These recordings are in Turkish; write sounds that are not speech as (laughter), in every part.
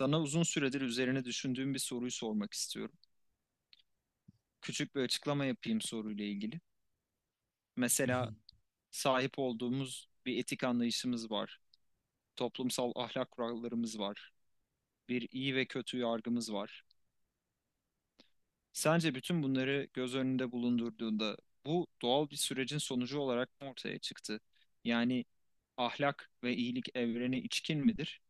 Sana uzun süredir üzerine düşündüğüm bir soruyu sormak istiyorum. Küçük bir açıklama yapayım soruyla ilgili. Mesela Hmm. sahip olduğumuz bir etik anlayışımız var. Toplumsal ahlak kurallarımız var. Bir iyi ve kötü yargımız var. Sence bütün bunları göz önünde bulundurduğunda bu doğal bir sürecin sonucu olarak mı ortaya çıktı? Yani ahlak ve iyilik evrene içkin midir?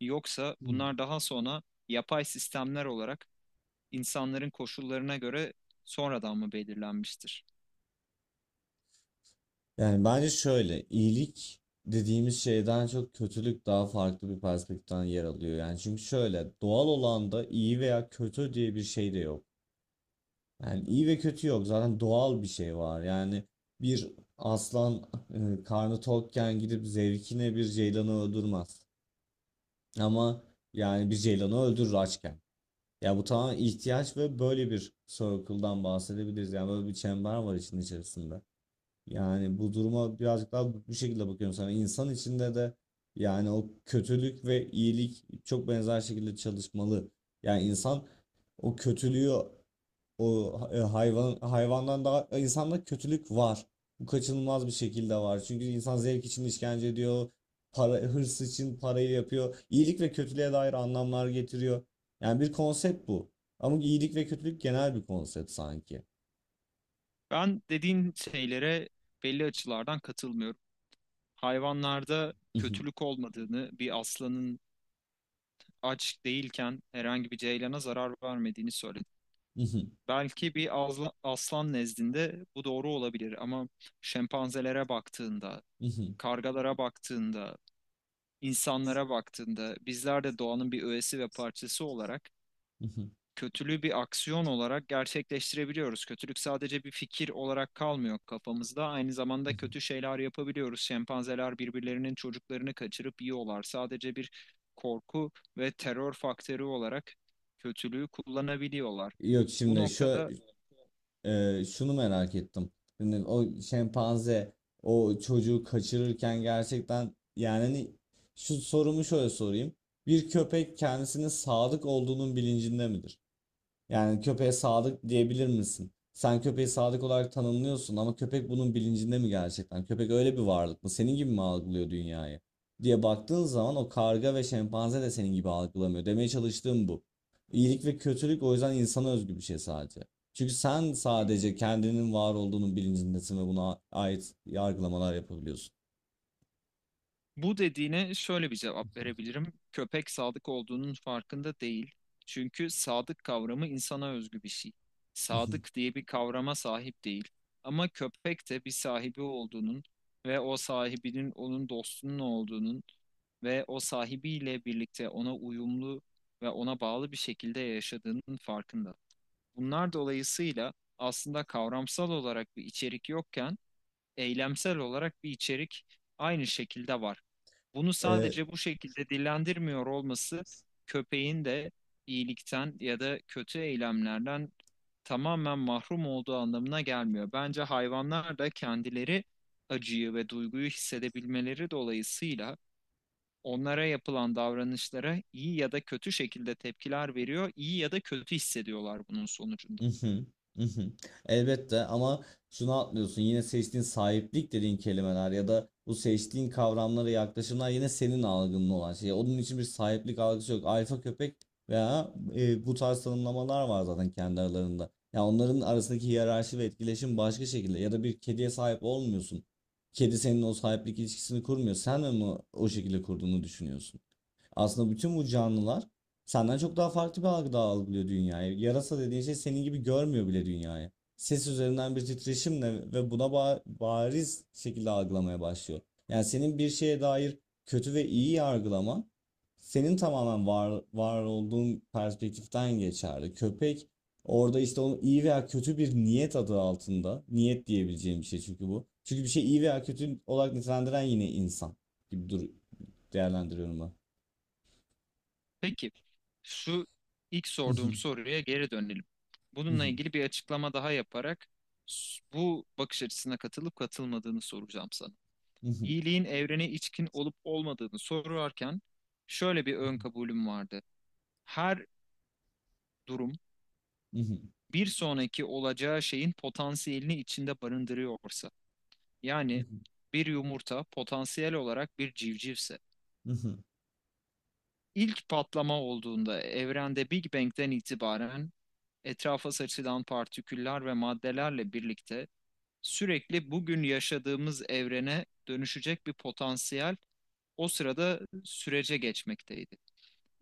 Yoksa bunlar daha sonra yapay sistemler olarak insanların koşullarına göre sonradan mı belirlenmiştir? Yani bence şöyle, iyilik dediğimiz şeyden çok kötülük daha farklı bir perspektiften yer alıyor. Yani çünkü şöyle, doğal olan da iyi veya kötü diye bir şey de yok. Yani iyi ve kötü yok. Zaten doğal bir şey var. Yani bir aslan karnı tokken gidip zevkine bir ceylanı öldürmez. Ama yani bir ceylanı öldürür açken. Ya bu tamamen ihtiyaç ve böyle bir circle'dan bahsedebiliriz. Yani böyle bir çember var işin içerisinde. Yani bu duruma birazcık daha bu şekilde bakıyorum sana. İnsan içinde de yani o kötülük ve iyilik çok benzer şekilde çalışmalı. Yani insan o kötülüğü hayvan hayvandan daha insanda kötülük var. Bu kaçınılmaz bir şekilde var. Çünkü insan zevk için işkence ediyor. Para, hırs için parayı yapıyor. İyilik ve kötülüğe dair anlamlar getiriyor. Yani bir konsept bu. Ama iyilik ve kötülük genel bir konsept sanki. Ben dediğin şeylere belli açılardan katılmıyorum. Hayvanlarda kötülük olmadığını, bir aslanın aç değilken herhangi bir ceylana zarar vermediğini söyledim. Belki aslan nezdinde bu doğru olabilir ama şempanzelere baktığında, kargalara baktığında, insanlara baktığında bizler de doğanın bir öğesi ve parçası olarak kötülüğü bir aksiyon olarak gerçekleştirebiliyoruz. Kötülük sadece bir fikir olarak kalmıyor kafamızda. Aynı zamanda kötü (laughs) şeyler yapabiliyoruz. Şempanzeler birbirlerinin çocuklarını kaçırıp yiyorlar. Sadece bir korku ve terör faktörü olarak kötülüğü kullanabiliyorlar. Yok Bu şimdi noktada şunu merak ettim. Şimdi o şempanze o çocuğu kaçırırken gerçekten yani hani şu sorumu şöyle sorayım. Bir köpek kendisinin sadık olduğunun bilincinde midir? Yani köpeğe sadık diyebilir misin? Sen köpeği sadık olarak tanımlıyorsun ama köpek bunun bilincinde mi gerçekten? Köpek öyle bir varlık mı? Senin gibi mi algılıyor dünyayı? Diye baktığın zaman o karga ve şempanze de senin gibi algılamıyor. Demeye çalıştığım bu. İyilik ve kötülük o yüzden insana özgü bir şey sadece. Çünkü sen sadece kendinin var olduğunun bilincindesin ve buna ait yargılamalar yapabiliyorsun. Bu dediğine şöyle bir cevap verebilirim. Köpek sadık olduğunun farkında değil. Çünkü sadık kavramı insana özgü bir şey. Sadık (laughs) diye bir kavrama sahip değil. Ama köpek de bir sahibi olduğunun ve o sahibinin onun dostunun olduğunun ve o sahibiyle birlikte ona uyumlu ve ona bağlı bir şekilde yaşadığının farkında. Bunlar dolayısıyla aslında kavramsal olarak bir içerik yokken eylemsel olarak bir içerik aynı şekilde var. Bunu Ee, sadece bu şekilde dillendirmiyor olması köpeğin de iyilikten ya da kötü eylemlerden tamamen mahrum olduğu anlamına gelmiyor. Bence hayvanlar da kendileri acıyı ve duyguyu hissedebilmeleri dolayısıyla onlara yapılan davranışlara iyi ya da kötü şekilde tepkiler veriyor, iyi ya da kötü hissediyorlar bunun sonucunda. Hı hı, hı hı. Elbette ama şunu atlıyorsun yine seçtiğin sahiplik dediğin kelimeler ya da bu seçtiğin kavramlara yaklaşımlar yine senin algının olan şey. Onun için bir sahiplik algısı yok. Alfa köpek veya bu tarz tanımlamalar var zaten kendi aralarında. Ya onların arasındaki hiyerarşi ve etkileşim başka şekilde ya da bir kediye sahip olmuyorsun. Kedi senin o sahiplik ilişkisini kurmuyor. Sen mi onu o şekilde kurduğunu düşünüyorsun? Aslında bütün bu canlılar senden çok daha farklı bir algıda algılıyor dünyayı. Yarasa dediğin şey senin gibi görmüyor bile dünyayı. Ses üzerinden bir titreşimle ve buna bariz şekilde algılamaya başlıyor. Yani senin bir şeye dair kötü ve iyi yargılaman senin tamamen var olduğun perspektiften geçerli. Köpek orada işte onun iyi veya kötü bir niyet adı altında. Niyet diyebileceğim bir şey çünkü bu. Çünkü bir şey iyi veya kötü olarak nitelendiren yine insan gibi dur değerlendiriyorum ben. Peki, şu ilk sorduğum (laughs) soruya geri dönelim. Bununla ilgili bir açıklama daha yaparak bu bakış açısına katılıp katılmadığını soracağım sana. İyiliğin evrene içkin olup olmadığını sorarken şöyle bir ön kabulüm vardı. Her durum bir sonraki olacağı şeyin potansiyelini içinde barındırıyorsa, yani bir yumurta potansiyel olarak bir civcivse, ilk patlama olduğunda evrende Big Bang'den itibaren etrafa saçılan partiküller ve maddelerle birlikte sürekli bugün yaşadığımız evrene dönüşecek bir potansiyel o sırada sürece geçmekteydi.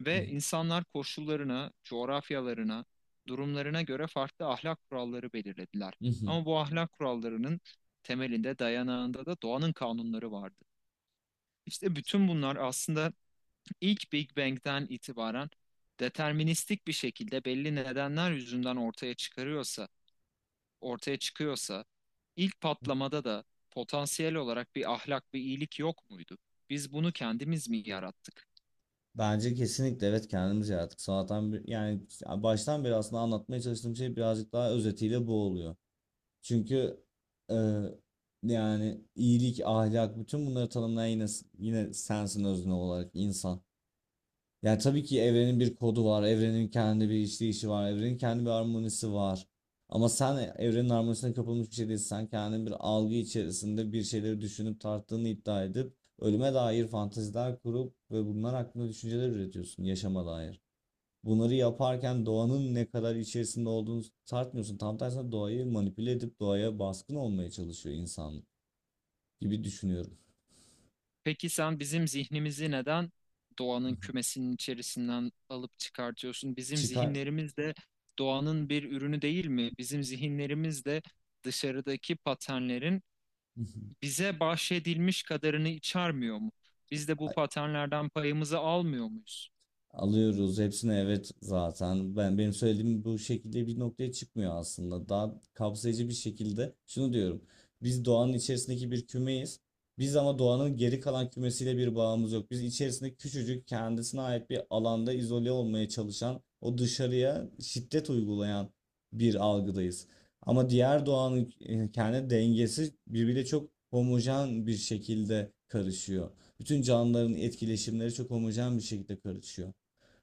Ve insanlar koşullarına, coğrafyalarına, durumlarına göre farklı ahlak kuralları belirlediler. Ama bu ahlak kurallarının temelinde, dayanağında da doğanın kanunları vardı. İşte bütün bunlar aslında ilk Big Bang'den itibaren deterministik bir şekilde belli nedenler yüzünden ortaya çıkarıyorsa, ortaya çıkıyorsa ilk patlamada da potansiyel olarak bir ahlak, bir iyilik yok muydu? Biz bunu kendimiz mi yarattık? Bence kesinlikle evet kendimiz yarattık. Sonradan bir, yani baştan beri aslında anlatmaya çalıştığım şey birazcık daha özetiyle bu oluyor. Çünkü e, yani iyilik, ahlak bütün bunları tanımlayan yine sensin özne olarak insan. Yani tabii ki evrenin bir kodu var, evrenin kendi bir işleyişi var, evrenin kendi bir harmonisi var. Ama sen evrenin harmonisine kapılmış bir şey değilsin. Sen kendin bir algı içerisinde bir şeyleri düşünüp tarttığını iddia edip ölüme dair fanteziler kurup ve bunlar hakkında düşünceler üretiyorsun yaşama dair. Bunları yaparken doğanın ne kadar içerisinde olduğunu tartmıyorsun. Tam tersine doğayı manipüle edip doğaya baskın olmaya çalışıyor insan gibi düşünüyorum. Peki sen bizim zihnimizi neden doğanın kümesinin içerisinden alıp çıkartıyorsun? (laughs) Bizim Çıkar. zihinlerimiz de doğanın bir ürünü değil mi? Bizim zihinlerimiz de dışarıdaki paternlerin bize bahşedilmiş kadarını içermiyor mu? Biz de bu (laughs) paternlerden payımızı almıyor muyuz? Alıyoruz hepsini evet zaten. Benim söylediğim bu şekilde bir noktaya çıkmıyor aslında. Daha kapsayıcı bir şekilde şunu diyorum. Biz doğanın içerisindeki bir kümeyiz. Biz ama doğanın geri kalan kümesiyle bir bağımız yok. Biz içerisinde küçücük kendisine ait bir alanda izole olmaya çalışan, o dışarıya şiddet uygulayan bir algıdayız. Ama diğer doğanın kendi dengesi birbiriyle çok homojen bir şekilde karışıyor. Bütün canlıların etkileşimleri çok homojen bir şekilde karışıyor.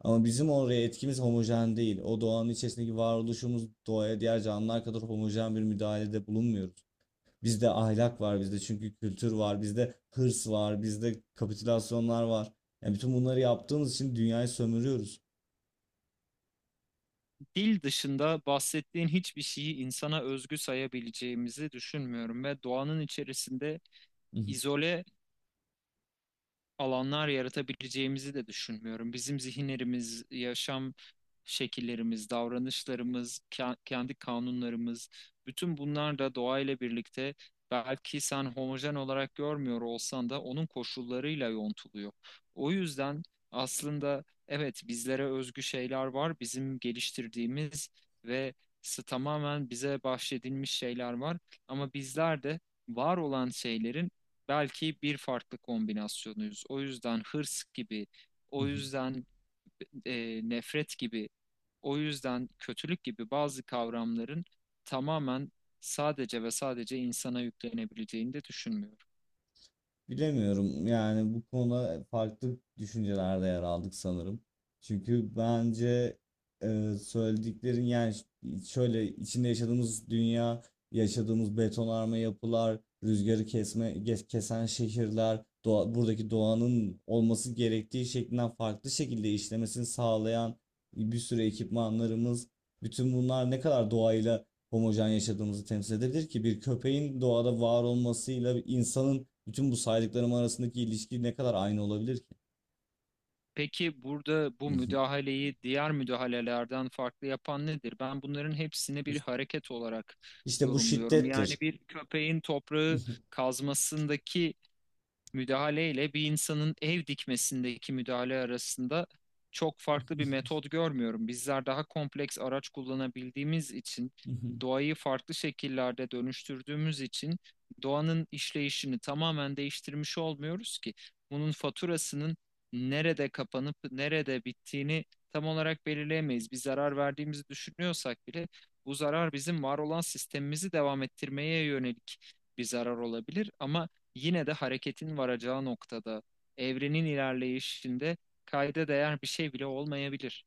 Ama bizim oraya etkimiz homojen değil. O doğanın içerisindeki varoluşumuz doğaya diğer canlılar kadar homojen bir müdahalede bulunmuyoruz. Bizde ahlak var, bizde çünkü kültür var, bizde hırs var, bizde kapitülasyonlar var. Yani bütün bunları yaptığımız için dünyayı sömürüyoruz. Dil dışında bahsettiğin hiçbir şeyi insana özgü sayabileceğimizi düşünmüyorum ve doğanın içerisinde izole alanlar yaratabileceğimizi de düşünmüyorum. Bizim zihinlerimiz, yaşam şekillerimiz, davranışlarımız, kendi kanunlarımız, bütün bunlar da doğayla birlikte belki sen homojen olarak görmüyor olsan da onun koşullarıyla yontuluyor. O yüzden aslında evet bizlere özgü şeyler var, bizim geliştirdiğimiz ve tamamen bize bahşedilmiş şeyler var ama bizler de var olan şeylerin belki bir farklı kombinasyonuyuz. O yüzden hırs gibi, o (laughs) yüzden nefret gibi, o yüzden kötülük gibi bazı kavramların tamamen sadece ve sadece insana yüklenebileceğini de düşünmüyorum. Bilemiyorum yani bu konuda farklı düşüncelerde yer aldık sanırım. Çünkü bence söylediklerin yani şöyle içinde yaşadığımız dünya, yaşadığımız betonarme yapılar, rüzgarı kesen şehirler, doğa, buradaki doğanın olması gerektiği şeklinden farklı şekilde işlemesini sağlayan bir sürü ekipmanlarımız, bütün bunlar ne kadar doğayla homojen yaşadığımızı temsil edebilir ki bir köpeğin doğada var olmasıyla bir insanın bütün bu saydıklarım arasındaki ilişki ne kadar aynı olabilir ki? Peki burada bu müdahaleyi diğer müdahalelerden farklı yapan nedir? Ben bunların hepsini bir (laughs) hareket olarak İşte bu yorumluyorum. Yani şiddettir. bir köpeğin toprağı kazmasındaki müdahaleyle bir insanın ev dikmesindeki müdahale arasında çok farklı bir metot görmüyorum. Bizler daha kompleks araç kullanabildiğimiz için, (laughs) doğayı farklı şekillerde dönüştürdüğümüz için doğanın işleyişini tamamen değiştirmiş olmuyoruz ki. Bunun faturasının nerede kapanıp nerede bittiğini tam olarak belirleyemeyiz. Bir zarar verdiğimizi düşünüyorsak bile bu zarar bizim var olan sistemimizi devam ettirmeye yönelik bir zarar olabilir ama yine de hareketin varacağı noktada, evrenin ilerleyişinde kayda değer bir şey bile olmayabilir.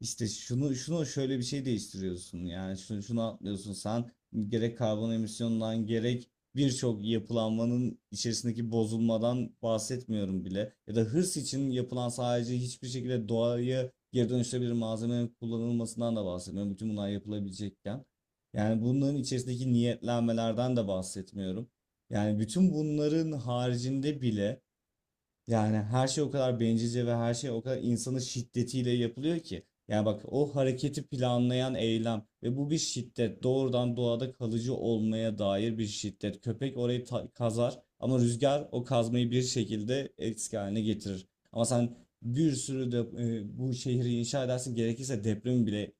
İşte şunu şöyle bir şey değiştiriyorsun yani şunu atlıyorsun sen, gerek karbon emisyonundan gerek birçok yapılanmanın içerisindeki bozulmadan bahsetmiyorum bile ya da hırs için yapılan sadece hiçbir şekilde doğaya geri dönüşebilir malzemenin kullanılmasından da bahsetmiyorum bütün bunlar yapılabilecekken, yani bunların içerisindeki niyetlenmelerden de bahsetmiyorum, yani bütün bunların haricinde bile yani her şey o kadar bencilce ve her şey o kadar insanın şiddetiyle yapılıyor ki. Yani bak o hareketi planlayan eylem ve bu bir şiddet. Doğrudan doğada kalıcı olmaya dair bir şiddet. Köpek orayı kazar ama rüzgar o kazmayı bir şekilde eski haline getirir. Ama sen bir sürü de bu şehri inşa edersin, gerekirse depremi bile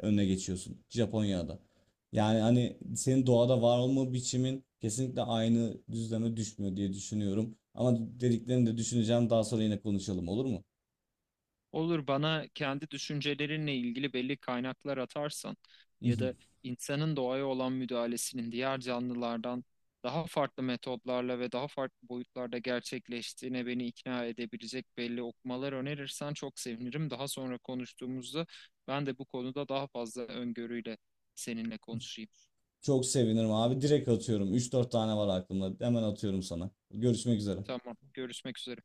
önüne geçiyorsun Japonya'da. Yani hani senin doğada var olma biçimin kesinlikle aynı düzleme düşmüyor diye düşünüyorum. Ama dediklerini de düşüneceğim. Daha sonra yine konuşalım, olur mu? Olur, bana kendi düşüncelerinle ilgili belli kaynaklar atarsan ya da (laughs) insanın doğaya olan müdahalesinin diğer canlılardan daha farklı metotlarla ve daha farklı boyutlarda gerçekleştiğine beni ikna edebilecek belli okumalar önerirsen çok sevinirim. Daha sonra konuştuğumuzda ben de bu konuda daha fazla öngörüyle seninle konuşayım. Çok sevinirim abi. Direkt atıyorum. Üç dört tane var aklımda. Hemen atıyorum sana. Görüşmek üzere. Tamam, görüşmek üzere.